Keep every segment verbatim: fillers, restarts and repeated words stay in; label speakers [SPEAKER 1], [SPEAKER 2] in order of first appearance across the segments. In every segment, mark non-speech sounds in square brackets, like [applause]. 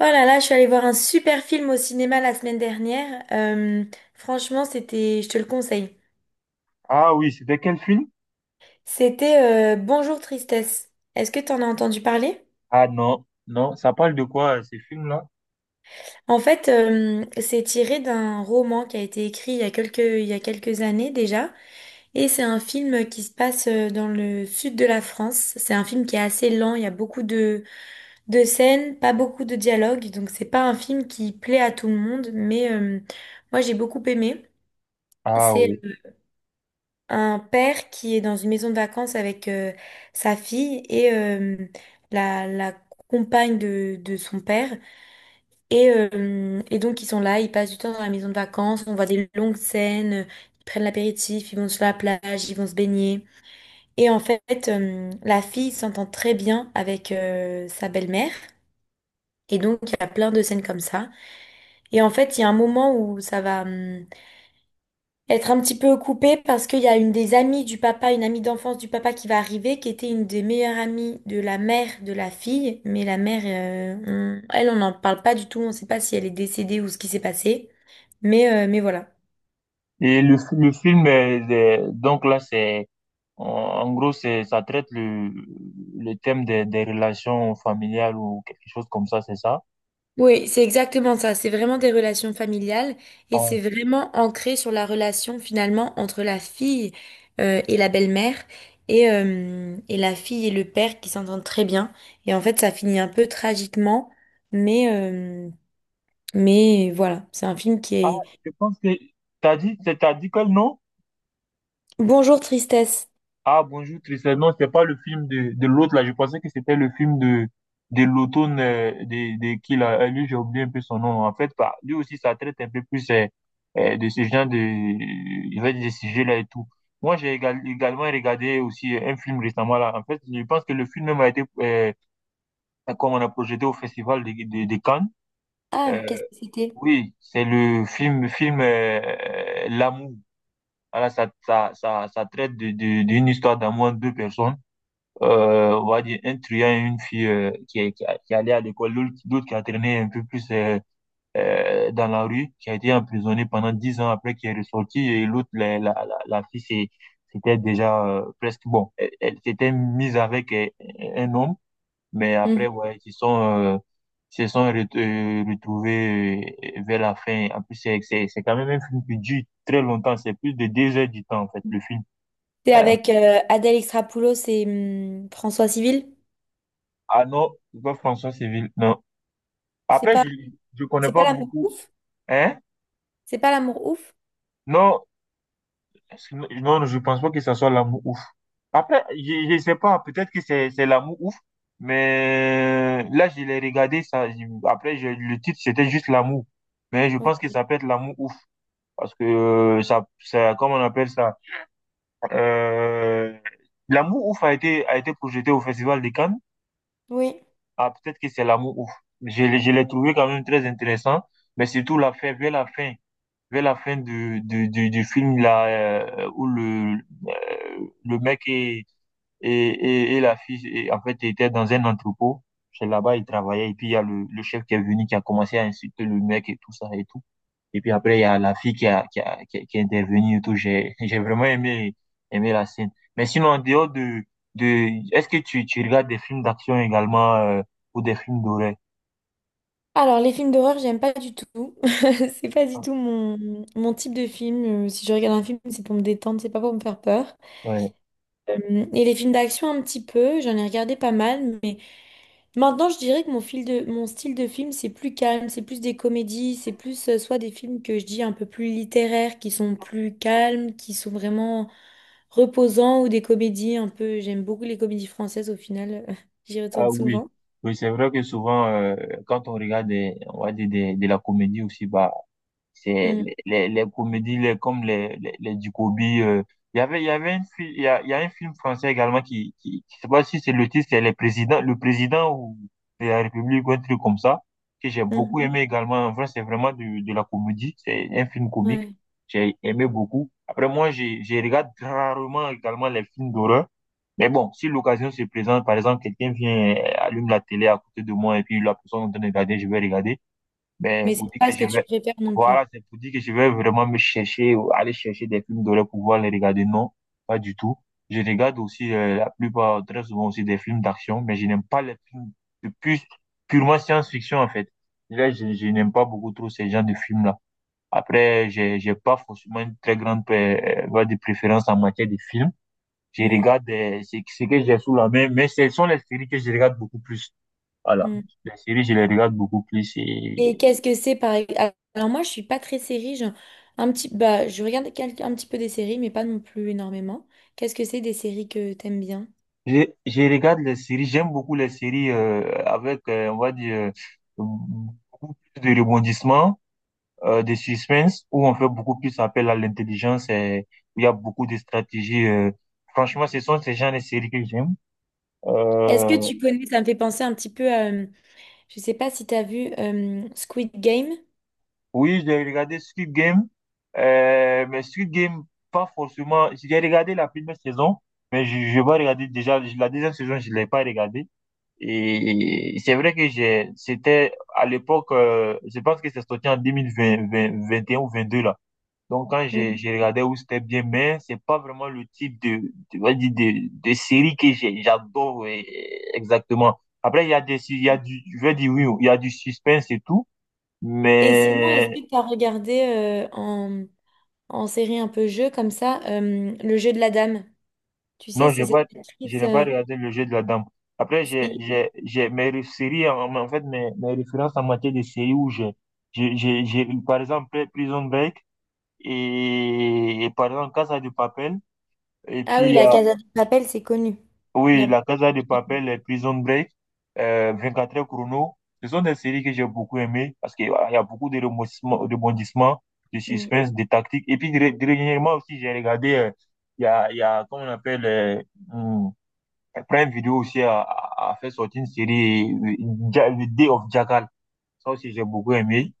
[SPEAKER 1] Oh là là, je suis allée voir un super film au cinéma la semaine dernière. Euh, franchement, c'était, je te le conseille.
[SPEAKER 2] Ah oui, c'était quel film?
[SPEAKER 1] C'était euh, Bonjour Tristesse. Est-ce que tu en as entendu parler?
[SPEAKER 2] Ah non, non, ça parle de quoi euh, ces films-là?
[SPEAKER 1] En fait, euh, c'est tiré d'un roman qui a été écrit il y a quelques, il y a quelques années déjà. Et c'est un film qui se passe euh, dans le sud de la France. C'est un film qui est assez lent, il y a beaucoup de, de scènes, pas beaucoup de dialogues. Donc c'est pas un film qui plaît à tout le monde, mais euh, moi j'ai beaucoup aimé.
[SPEAKER 2] Ah
[SPEAKER 1] C'est
[SPEAKER 2] oui.
[SPEAKER 1] un père qui est dans une maison de vacances avec euh, sa fille et euh, la, la compagne de, de son père. Et, euh, et donc, ils sont là, ils passent du temps dans la maison de vacances, on voit des longues scènes, ils prennent l'apéritif, ils vont sur la plage, ils vont se baigner. Et en fait, euh, la fille s'entend très bien avec euh, sa belle-mère. Et donc, il y a plein de scènes comme ça. Et en fait, il y a un moment où ça va... hum, être un petit peu coupée parce qu'il y a une des amies du papa, une amie d'enfance du papa qui va arriver, qui était une des meilleures amies de la mère de la fille. Mais la mère, euh, on- elle, on n'en parle pas du tout. On ne sait pas si elle est décédée ou ce qui s'est passé. Mais, euh, mais voilà.
[SPEAKER 2] Et le, fi- le film, euh, de- donc là, c'est, en en gros, c'est, ça traite le, le thème des, des relations familiales ou quelque chose comme ça, c'est ça?
[SPEAKER 1] Oui, c'est exactement ça. C'est vraiment des relations familiales et
[SPEAKER 2] Ah,
[SPEAKER 1] c'est vraiment ancré sur la relation finalement entre la fille euh, et la belle-mère et, euh, et la fille et le père qui s'entendent très bien. Et en fait, ça finit un peu tragiquement, mais, euh, mais voilà, c'est un film qui
[SPEAKER 2] ah,
[SPEAKER 1] est...
[SPEAKER 2] je pense que, t'as dit, t'as dit quel nom?
[SPEAKER 1] Bonjour Tristesse.
[SPEAKER 2] Ah, bonjour Tristan. Non, c'était pas le film de, de l'autre là. Je pensais que c'était le film de, de l'automne euh, de, de qui là. Euh, Lui, j'ai oublié un peu son nom. En fait, bah, lui aussi, ça traite un peu plus euh, euh, de ce genre de, je vais dire, de sujets là et tout. Moi, j'ai égal- également regardé aussi un film récemment là. En fait, je pense que le film même a été, euh, comme on a projeté au festival de, de, de Cannes. Euh,
[SPEAKER 1] Ah, qu'est-ce que c'était?
[SPEAKER 2] oui, c'est le film, film euh, euh, L'Amour. Voilà, ça, ça, ça, ça traite de, de, d'une histoire d'amour entre deux personnes euh, on va dire un truand et une fille euh, qui, est- qui, a- qui allait à l'école, l'autre l'autre qui a traîné un peu plus euh, euh, dans la rue, qui a été emprisonné pendant dix ans après qui est ressorti, et l'autre, la, la, la, la fille, c'est- c'était déjà euh, presque bon. Elle, elle s'était mise avec euh, un homme, mais après,
[SPEAKER 1] Mhm.
[SPEAKER 2] ouais, ils se sont, euh, ils se sont ret- euh, retrouvés euh, vers la fin. En plus, c'est c'est- c'est quand même un film qui dure très longtemps, c'est plus de deux heures du temps, en fait, le film.
[SPEAKER 1] C'est
[SPEAKER 2] Euh,
[SPEAKER 1] avec euh, Adèle Exarchopoulos et hum, François Civil.
[SPEAKER 2] ah non, c'est pas François Civil, non.
[SPEAKER 1] C'est
[SPEAKER 2] Après,
[SPEAKER 1] pas,
[SPEAKER 2] je je connais
[SPEAKER 1] c'est pas
[SPEAKER 2] pas
[SPEAKER 1] l'amour
[SPEAKER 2] beaucoup.
[SPEAKER 1] ouf?
[SPEAKER 2] Hein?
[SPEAKER 1] C'est pas l'amour ouf?
[SPEAKER 2] Non, est-ce que- non, je pense pas que ça soit l'amour ouf. Après, je je sais pas, peut-être que c'est c'est l'amour ouf, mais là, je l'ai regardé, ça, je- après, je- le titre, c'était juste l'amour. Mais je pense que
[SPEAKER 1] Oui.
[SPEAKER 2] ça peut être l'amour ouf, parce que euh, ça, ça, comment on appelle ça? Euh, L'amour ouf a été, a été projeté au Festival de Cannes.
[SPEAKER 1] Oui.
[SPEAKER 2] Ah, peut-être que c'est l'amour ouf. Je, l'ai- je l'ai trouvé quand même très intéressant, mais surtout la fin, vers la fin. Vers la fin du, du, du, du film là euh, où le euh, le mec et et, et, et la fille et, en fait était dans un entrepôt, c'est là-bas il travaillait, et puis il y a le, le chef qui est venu qui a commencé à insulter le mec et tout ça et tout, et puis après il y a la fille qui a qui a qui, a, qui est intervenue et tout. J'ai [laughs] j'ai vraiment aimé aimé la scène, mais sinon en dehors de de est-ce que tu tu regardes des films d'action également euh, ou des films d'horreur?
[SPEAKER 1] Alors, les films d'horreur, j'aime pas du tout. [laughs] C'est pas du tout mon, mon type de film. Euh, Si je regarde un film, c'est pour me détendre, c'est pas pour me faire peur.
[SPEAKER 2] Ouais.
[SPEAKER 1] Euh, et les films d'action, un petit peu. J'en ai regardé pas mal, mais... Maintenant, je dirais que mon fil de, mon style de film, c'est plus calme, c'est plus des comédies, c'est plus euh, soit des films que je dis un peu plus littéraires, qui sont plus calmes, qui sont vraiment reposants, ou des comédies un peu. J'aime beaucoup les comédies françaises au final, [laughs] j'y
[SPEAKER 2] Ah
[SPEAKER 1] retourne
[SPEAKER 2] oui,
[SPEAKER 1] souvent.
[SPEAKER 2] oui, c'est vrai que souvent, euh, quand on regarde des, on va dire des, de la comédie aussi, bah, c'est
[SPEAKER 1] Mm,
[SPEAKER 2] les, les, les comédies les, comme les, les, les Ducobi. Euh, il y avait, il y avait une, fi- il y a, il y a un film français également qui, qui, qui- je sais pas si c'est le titre, c'est les présidents, le président ou de la République ou un truc comme ça, que j'ai beaucoup
[SPEAKER 1] mhm,
[SPEAKER 2] aimé également. En vrai, c'est vraiment de, de la comédie. C'est un film comique.
[SPEAKER 1] ouais.
[SPEAKER 2] J'ai aimé beaucoup. Après, moi, j'ai, j'ai regarde rarement également les films d'horreur. Mais bon, si l'occasion se présente, par exemple, quelqu'un vient, euh, allume la télé à côté de moi et puis la personne est en train de regarder, je vais regarder. Ben,
[SPEAKER 1] Mais
[SPEAKER 2] vous
[SPEAKER 1] c'est
[SPEAKER 2] dire
[SPEAKER 1] pas
[SPEAKER 2] que
[SPEAKER 1] ce que
[SPEAKER 2] je
[SPEAKER 1] tu
[SPEAKER 2] vais,
[SPEAKER 1] préfères non
[SPEAKER 2] voilà,
[SPEAKER 1] plus.
[SPEAKER 2] c'est pour dire que je vais vraiment me chercher, ou aller chercher des films d'horreur pour pouvoir les regarder. Non, pas du tout. Je regarde aussi, euh, la plupart, très souvent aussi des films d'action, mais je n'aime pas les films de plus, purement science-fiction, en fait. Là, je, je n'aime pas beaucoup trop ces genres de films-là. Après, j'ai, j'ai pas forcément une très grande, euh, voie de préférence en matière de films. Je
[SPEAKER 1] Mm,
[SPEAKER 2] regarde euh, ce ce que j'ai sous la main, mais ce sont les séries que je regarde beaucoup plus. Voilà.
[SPEAKER 1] mm.
[SPEAKER 2] Les séries, je les regarde beaucoup plus.
[SPEAKER 1] Et
[SPEAKER 2] Et
[SPEAKER 1] qu'est-ce que c'est par exemple? Alors moi, je suis pas très série, genre, un petit, bah, je regarde quel- un petit peu des séries, mais pas non plus énormément. Qu'est-ce que c'est des séries que t'aimes bien?
[SPEAKER 2] je, je regarde les séries, j'aime beaucoup les séries euh, avec, euh, on va dire, euh, beaucoup plus de rebondissements, euh, de suspense, où on fait beaucoup plus appel à l'intelligence et où il y a beaucoup de stratégies. euh. Franchement, ce sont ces genres de séries que j'aime.
[SPEAKER 1] Est-ce que
[SPEAKER 2] Euh,
[SPEAKER 1] tu connais, ça me fait penser un petit peu à, euh, je sais pas si tu as vu euh, Squid Game.
[SPEAKER 2] Oui, j'ai regardé Squid Game, euh, mais Squid Game, pas forcément. J'ai regardé la première saison, mais je, je vais regarder déjà la deuxième saison, je l'ai pas regardée. Et c'est vrai que j'ai, c'était à l'époque, euh, je pense que c'est sorti en deux mille vingt vingt vingt et un ou vingt deux là. Donc quand j'ai,
[SPEAKER 1] Mhm.
[SPEAKER 2] j'ai regardé où c'était bien, mais c'est pas vraiment le type de, de, on va dire de, de série que j'ai- j'adore euh, exactement. Après, il y a des, il y a du, je vais dire oui, il y a du suspense et tout.
[SPEAKER 1] Et sinon, est-ce
[SPEAKER 2] Mais
[SPEAKER 1] que tu as regardé euh, en, en série un peu jeu comme ça, euh, Le jeu de la dame? Tu sais,
[SPEAKER 2] non,
[SPEAKER 1] c'est
[SPEAKER 2] j'ai
[SPEAKER 1] cette
[SPEAKER 2] pas, je
[SPEAKER 1] actrice.
[SPEAKER 2] n'ai pas
[SPEAKER 1] euh,
[SPEAKER 2] regardé le jeu de la dame. Après, j'ai,
[SPEAKER 1] c'est-
[SPEAKER 2] j'ai, j'ai mes ré- séries, en, en fait, mes, mes références en matière de séries où j'ai, j'ai, j'ai, j'ai, par exemple, Prison Break et, et par exemple, Casa de Papel. Et
[SPEAKER 1] Ah
[SPEAKER 2] puis,
[SPEAKER 1] oui,
[SPEAKER 2] il y
[SPEAKER 1] la
[SPEAKER 2] a-
[SPEAKER 1] Casa de Papel, c'est connu. Il y
[SPEAKER 2] oui,
[SPEAKER 1] a-
[SPEAKER 2] la Casa de Papel, et Prison Break, euh, vingt-quatre heures chrono. Ce sont des séries que j'ai beaucoup aimées parce qu'il y a il y a beaucoup de rebondissements, rebondissements, de
[SPEAKER 1] Mm.
[SPEAKER 2] suspense, de tactique. Et puis, dé- dernièrement aussi, j'ai regardé, euh, il y a, il y a, comment on appelle, euh, hmm, Prime Video aussi a, a- a fait sortir une série, euh, Ja- The Day of Jackal. Ça aussi, j'ai beaucoup aimé.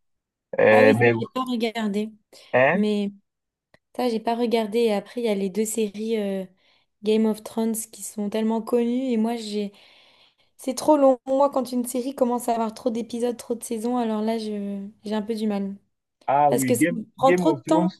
[SPEAKER 1] Ah
[SPEAKER 2] Euh,
[SPEAKER 1] oui, ça,
[SPEAKER 2] mais,
[SPEAKER 1] j'ai pas regardé.
[SPEAKER 2] hein?
[SPEAKER 1] Mais ça, j'ai pas regardé. Et après, il y a les deux séries euh, Game of Thrones qui sont tellement connues. Et moi, j'ai c'est trop long. Moi, quand une série commence à avoir trop d'épisodes, trop de saisons, alors là, je, j'ai un peu du mal.
[SPEAKER 2] Ah
[SPEAKER 1] Parce
[SPEAKER 2] oui,
[SPEAKER 1] que ça
[SPEAKER 2] Game,
[SPEAKER 1] me prend
[SPEAKER 2] Game
[SPEAKER 1] trop
[SPEAKER 2] of
[SPEAKER 1] de
[SPEAKER 2] Thrones.
[SPEAKER 1] temps.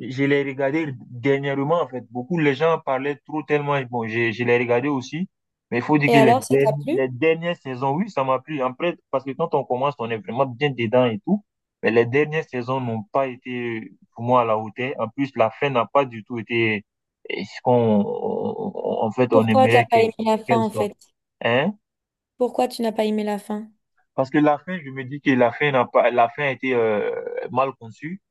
[SPEAKER 2] Je l'ai regardé dernièrement, en fait. Beaucoup, les gens parlaient trop tellement. Bon, je, je l'ai regardé aussi. Mais il faut dire
[SPEAKER 1] Et
[SPEAKER 2] que les,
[SPEAKER 1] alors, ça t'a
[SPEAKER 2] derni-
[SPEAKER 1] plu?
[SPEAKER 2] les dernières saisons, oui, ça m'a plu. Après, parce que quand on commence, on est vraiment bien dedans et tout. Mais les dernières saisons n'ont pas été, pour moi, à la hauteur. En plus, la fin n'a pas du tout été eh, ce qu'on, on- on- en fait, on
[SPEAKER 1] Pourquoi t'as
[SPEAKER 2] aimerait
[SPEAKER 1] pas aimé
[SPEAKER 2] qu'elle
[SPEAKER 1] la fin,
[SPEAKER 2] qu'elle
[SPEAKER 1] en
[SPEAKER 2] soit.
[SPEAKER 1] fait?
[SPEAKER 2] Hein?
[SPEAKER 1] Pourquoi tu n'as pas aimé la fin?
[SPEAKER 2] Parce que la fin, je me dis que la fin n'a pas, la fin a été euh, mal conçue.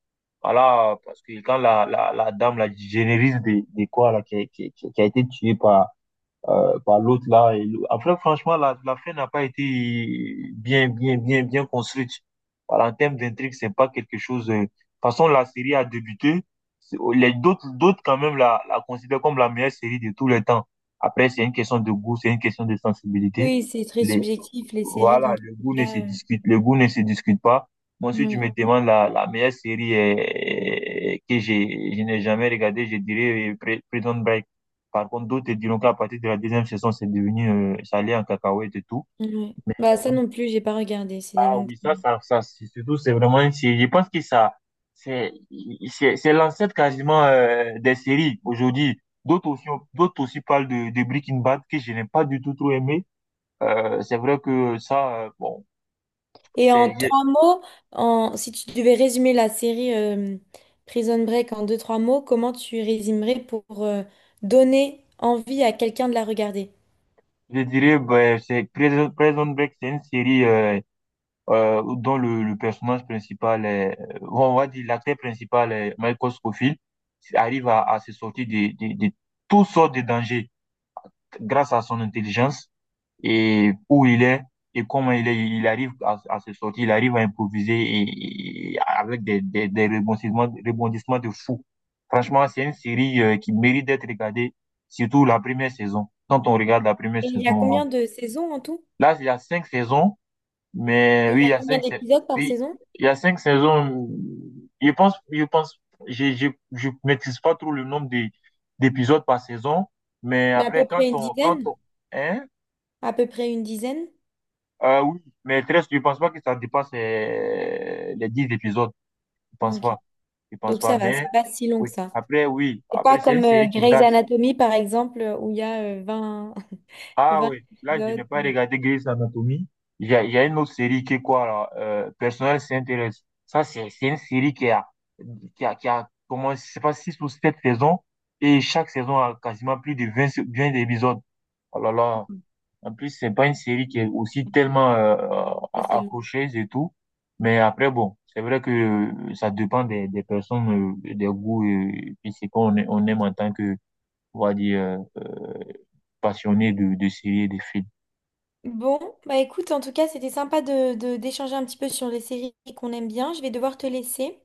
[SPEAKER 2] Voilà, parce que quand la, la, la dame, la génériste des des quoi, là, qui, qui, qui qui a été tuée par, euh, par l'autre, là, et l'au- après, franchement, la, la fin n'a pas été bien, bien, bien, bien construite. Voilà, en termes d'intrigue, c'est pas quelque chose, euh, de toute façon, la série a débuté. C'est- oh, Les d'autres, d'autres, quand même, la, la considèrent comme la meilleure série de tous les temps. Après, c'est une question de goût, c'est une question de sensibilité.
[SPEAKER 1] Oui, c'est très
[SPEAKER 2] Les,
[SPEAKER 1] subjectif, les séries, dans
[SPEAKER 2] voilà,
[SPEAKER 1] tous
[SPEAKER 2] le
[SPEAKER 1] les
[SPEAKER 2] goût ne se
[SPEAKER 1] cas. euh,
[SPEAKER 2] discute, le goût ne se discute pas. Bon, si tu
[SPEAKER 1] Oui,
[SPEAKER 2] me demandes la, la meilleure série euh, que j'ai, je n'ai jamais regardée, je dirais euh, Pri- Prison Break. Par contre, d'autres te diront qu'à partir de la deuxième saison, c'est devenu, euh, ça allait en cacahuète et tout.
[SPEAKER 1] oui. Bah,
[SPEAKER 2] Euh,
[SPEAKER 1] ça
[SPEAKER 2] oui,
[SPEAKER 1] non plus, j'ai pas regardé. C'est des
[SPEAKER 2] Ah
[SPEAKER 1] longues
[SPEAKER 2] oui, ça,
[SPEAKER 1] séries.
[SPEAKER 2] ça, ça, c'est- surtout, c'est vraiment, une série- je pense que ça, c'est, c'est, c'est l'ancêtre quasiment euh, des séries aujourd'hui. D'autres aussi, ont- d'autres aussi parlent de, de Breaking Bad que je n'ai pas du tout trop aimé. Euh, c'est vrai que ça, euh, bon,
[SPEAKER 1] Et en
[SPEAKER 2] c'est,
[SPEAKER 1] trois mots, en... si tu devais résumer la série euh, Prison Break en deux, trois mots, comment tu résumerais pour euh, donner envie à quelqu'un de la regarder?
[SPEAKER 2] je dirais, ben, c'est Prison Prison Break, c'est une série euh, euh, dont le, le personnage principal est, euh, on va dire l'acteur principal est Michael Scofield, qui arrive à, à se sortir de, de, de toutes sortes de dangers grâce à son intelligence et où il est et comment il est. Il arrive à, à se sortir, il arrive à improviser et, et avec des, des, des rebondissements, rebondissements de fou. Franchement, c'est une série euh, qui mérite d'être regardée, surtout la première saison. Quand on regarde la première
[SPEAKER 1] Et il y a
[SPEAKER 2] saison,
[SPEAKER 1] combien de saisons en tout?
[SPEAKER 2] là, il y a cinq saisons, mais
[SPEAKER 1] Et il
[SPEAKER 2] oui,
[SPEAKER 1] y
[SPEAKER 2] il
[SPEAKER 1] a
[SPEAKER 2] y a
[SPEAKER 1] combien
[SPEAKER 2] cinq, sais-
[SPEAKER 1] d'épisodes par
[SPEAKER 2] oui,
[SPEAKER 1] saison?
[SPEAKER 2] il y a cinq saisons. Je pense, je pense, je, je, je maîtrise pas trop le nombre d'é- d'épisodes par saison, mais
[SPEAKER 1] Mais à peu
[SPEAKER 2] après, quand
[SPEAKER 1] près une
[SPEAKER 2] on, quand
[SPEAKER 1] dizaine?
[SPEAKER 2] on, hein,
[SPEAKER 1] À peu près une dizaine?
[SPEAKER 2] euh, oui, mais treize, je pense pas que ça dépasse euh, les dix épisodes. Je pense
[SPEAKER 1] Ok.
[SPEAKER 2] pas, je pense
[SPEAKER 1] Donc
[SPEAKER 2] pas,
[SPEAKER 1] ça va,
[SPEAKER 2] mais
[SPEAKER 1] c'est pas si long
[SPEAKER 2] oui,
[SPEAKER 1] que ça.
[SPEAKER 2] après, oui,
[SPEAKER 1] C'est pas
[SPEAKER 2] après, c'est une
[SPEAKER 1] comme euh,
[SPEAKER 2] série qui
[SPEAKER 1] Grey's
[SPEAKER 2] date.
[SPEAKER 1] Anatomy, par exemple, euh, où il y a euh, vingt [laughs]
[SPEAKER 2] Ah
[SPEAKER 1] vingt
[SPEAKER 2] oui, là, je n'ai
[SPEAKER 1] épisodes.
[SPEAKER 2] pas regardé Grey's Anatomy. Il y a, il y a une autre série qui est quoi, là? Euh, Personnel s'intéresse. Ça, c'est c'est une série qui a, qui a, qui a comment, je sais pas, six ou sept saisons. Et chaque saison a quasiment plus de vingt sé- vingt épisodes. Oh là là. En plus, c'est pas une série qui est aussi tellement euh,
[SPEAKER 1] Ça, c'est long.
[SPEAKER 2] accrocheuse et tout. Mais après, bon, c'est vrai que euh, ça dépend des, des personnes, euh, des goûts, euh, et c'est qu'on on aime en tant que, on va dire, euh, euh, passionné de, de séries et de films.
[SPEAKER 1] Bon, bah écoute, en tout cas, c'était sympa de, de- d'échanger un petit peu sur les séries qu'on aime bien. Je vais devoir te laisser.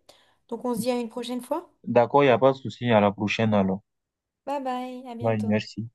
[SPEAKER 1] Donc on se dit à une prochaine fois.
[SPEAKER 2] D'accord, il n'y a pas de souci. À la prochaine alors.
[SPEAKER 1] Bye bye, à
[SPEAKER 2] Bye,
[SPEAKER 1] bientôt.
[SPEAKER 2] merci.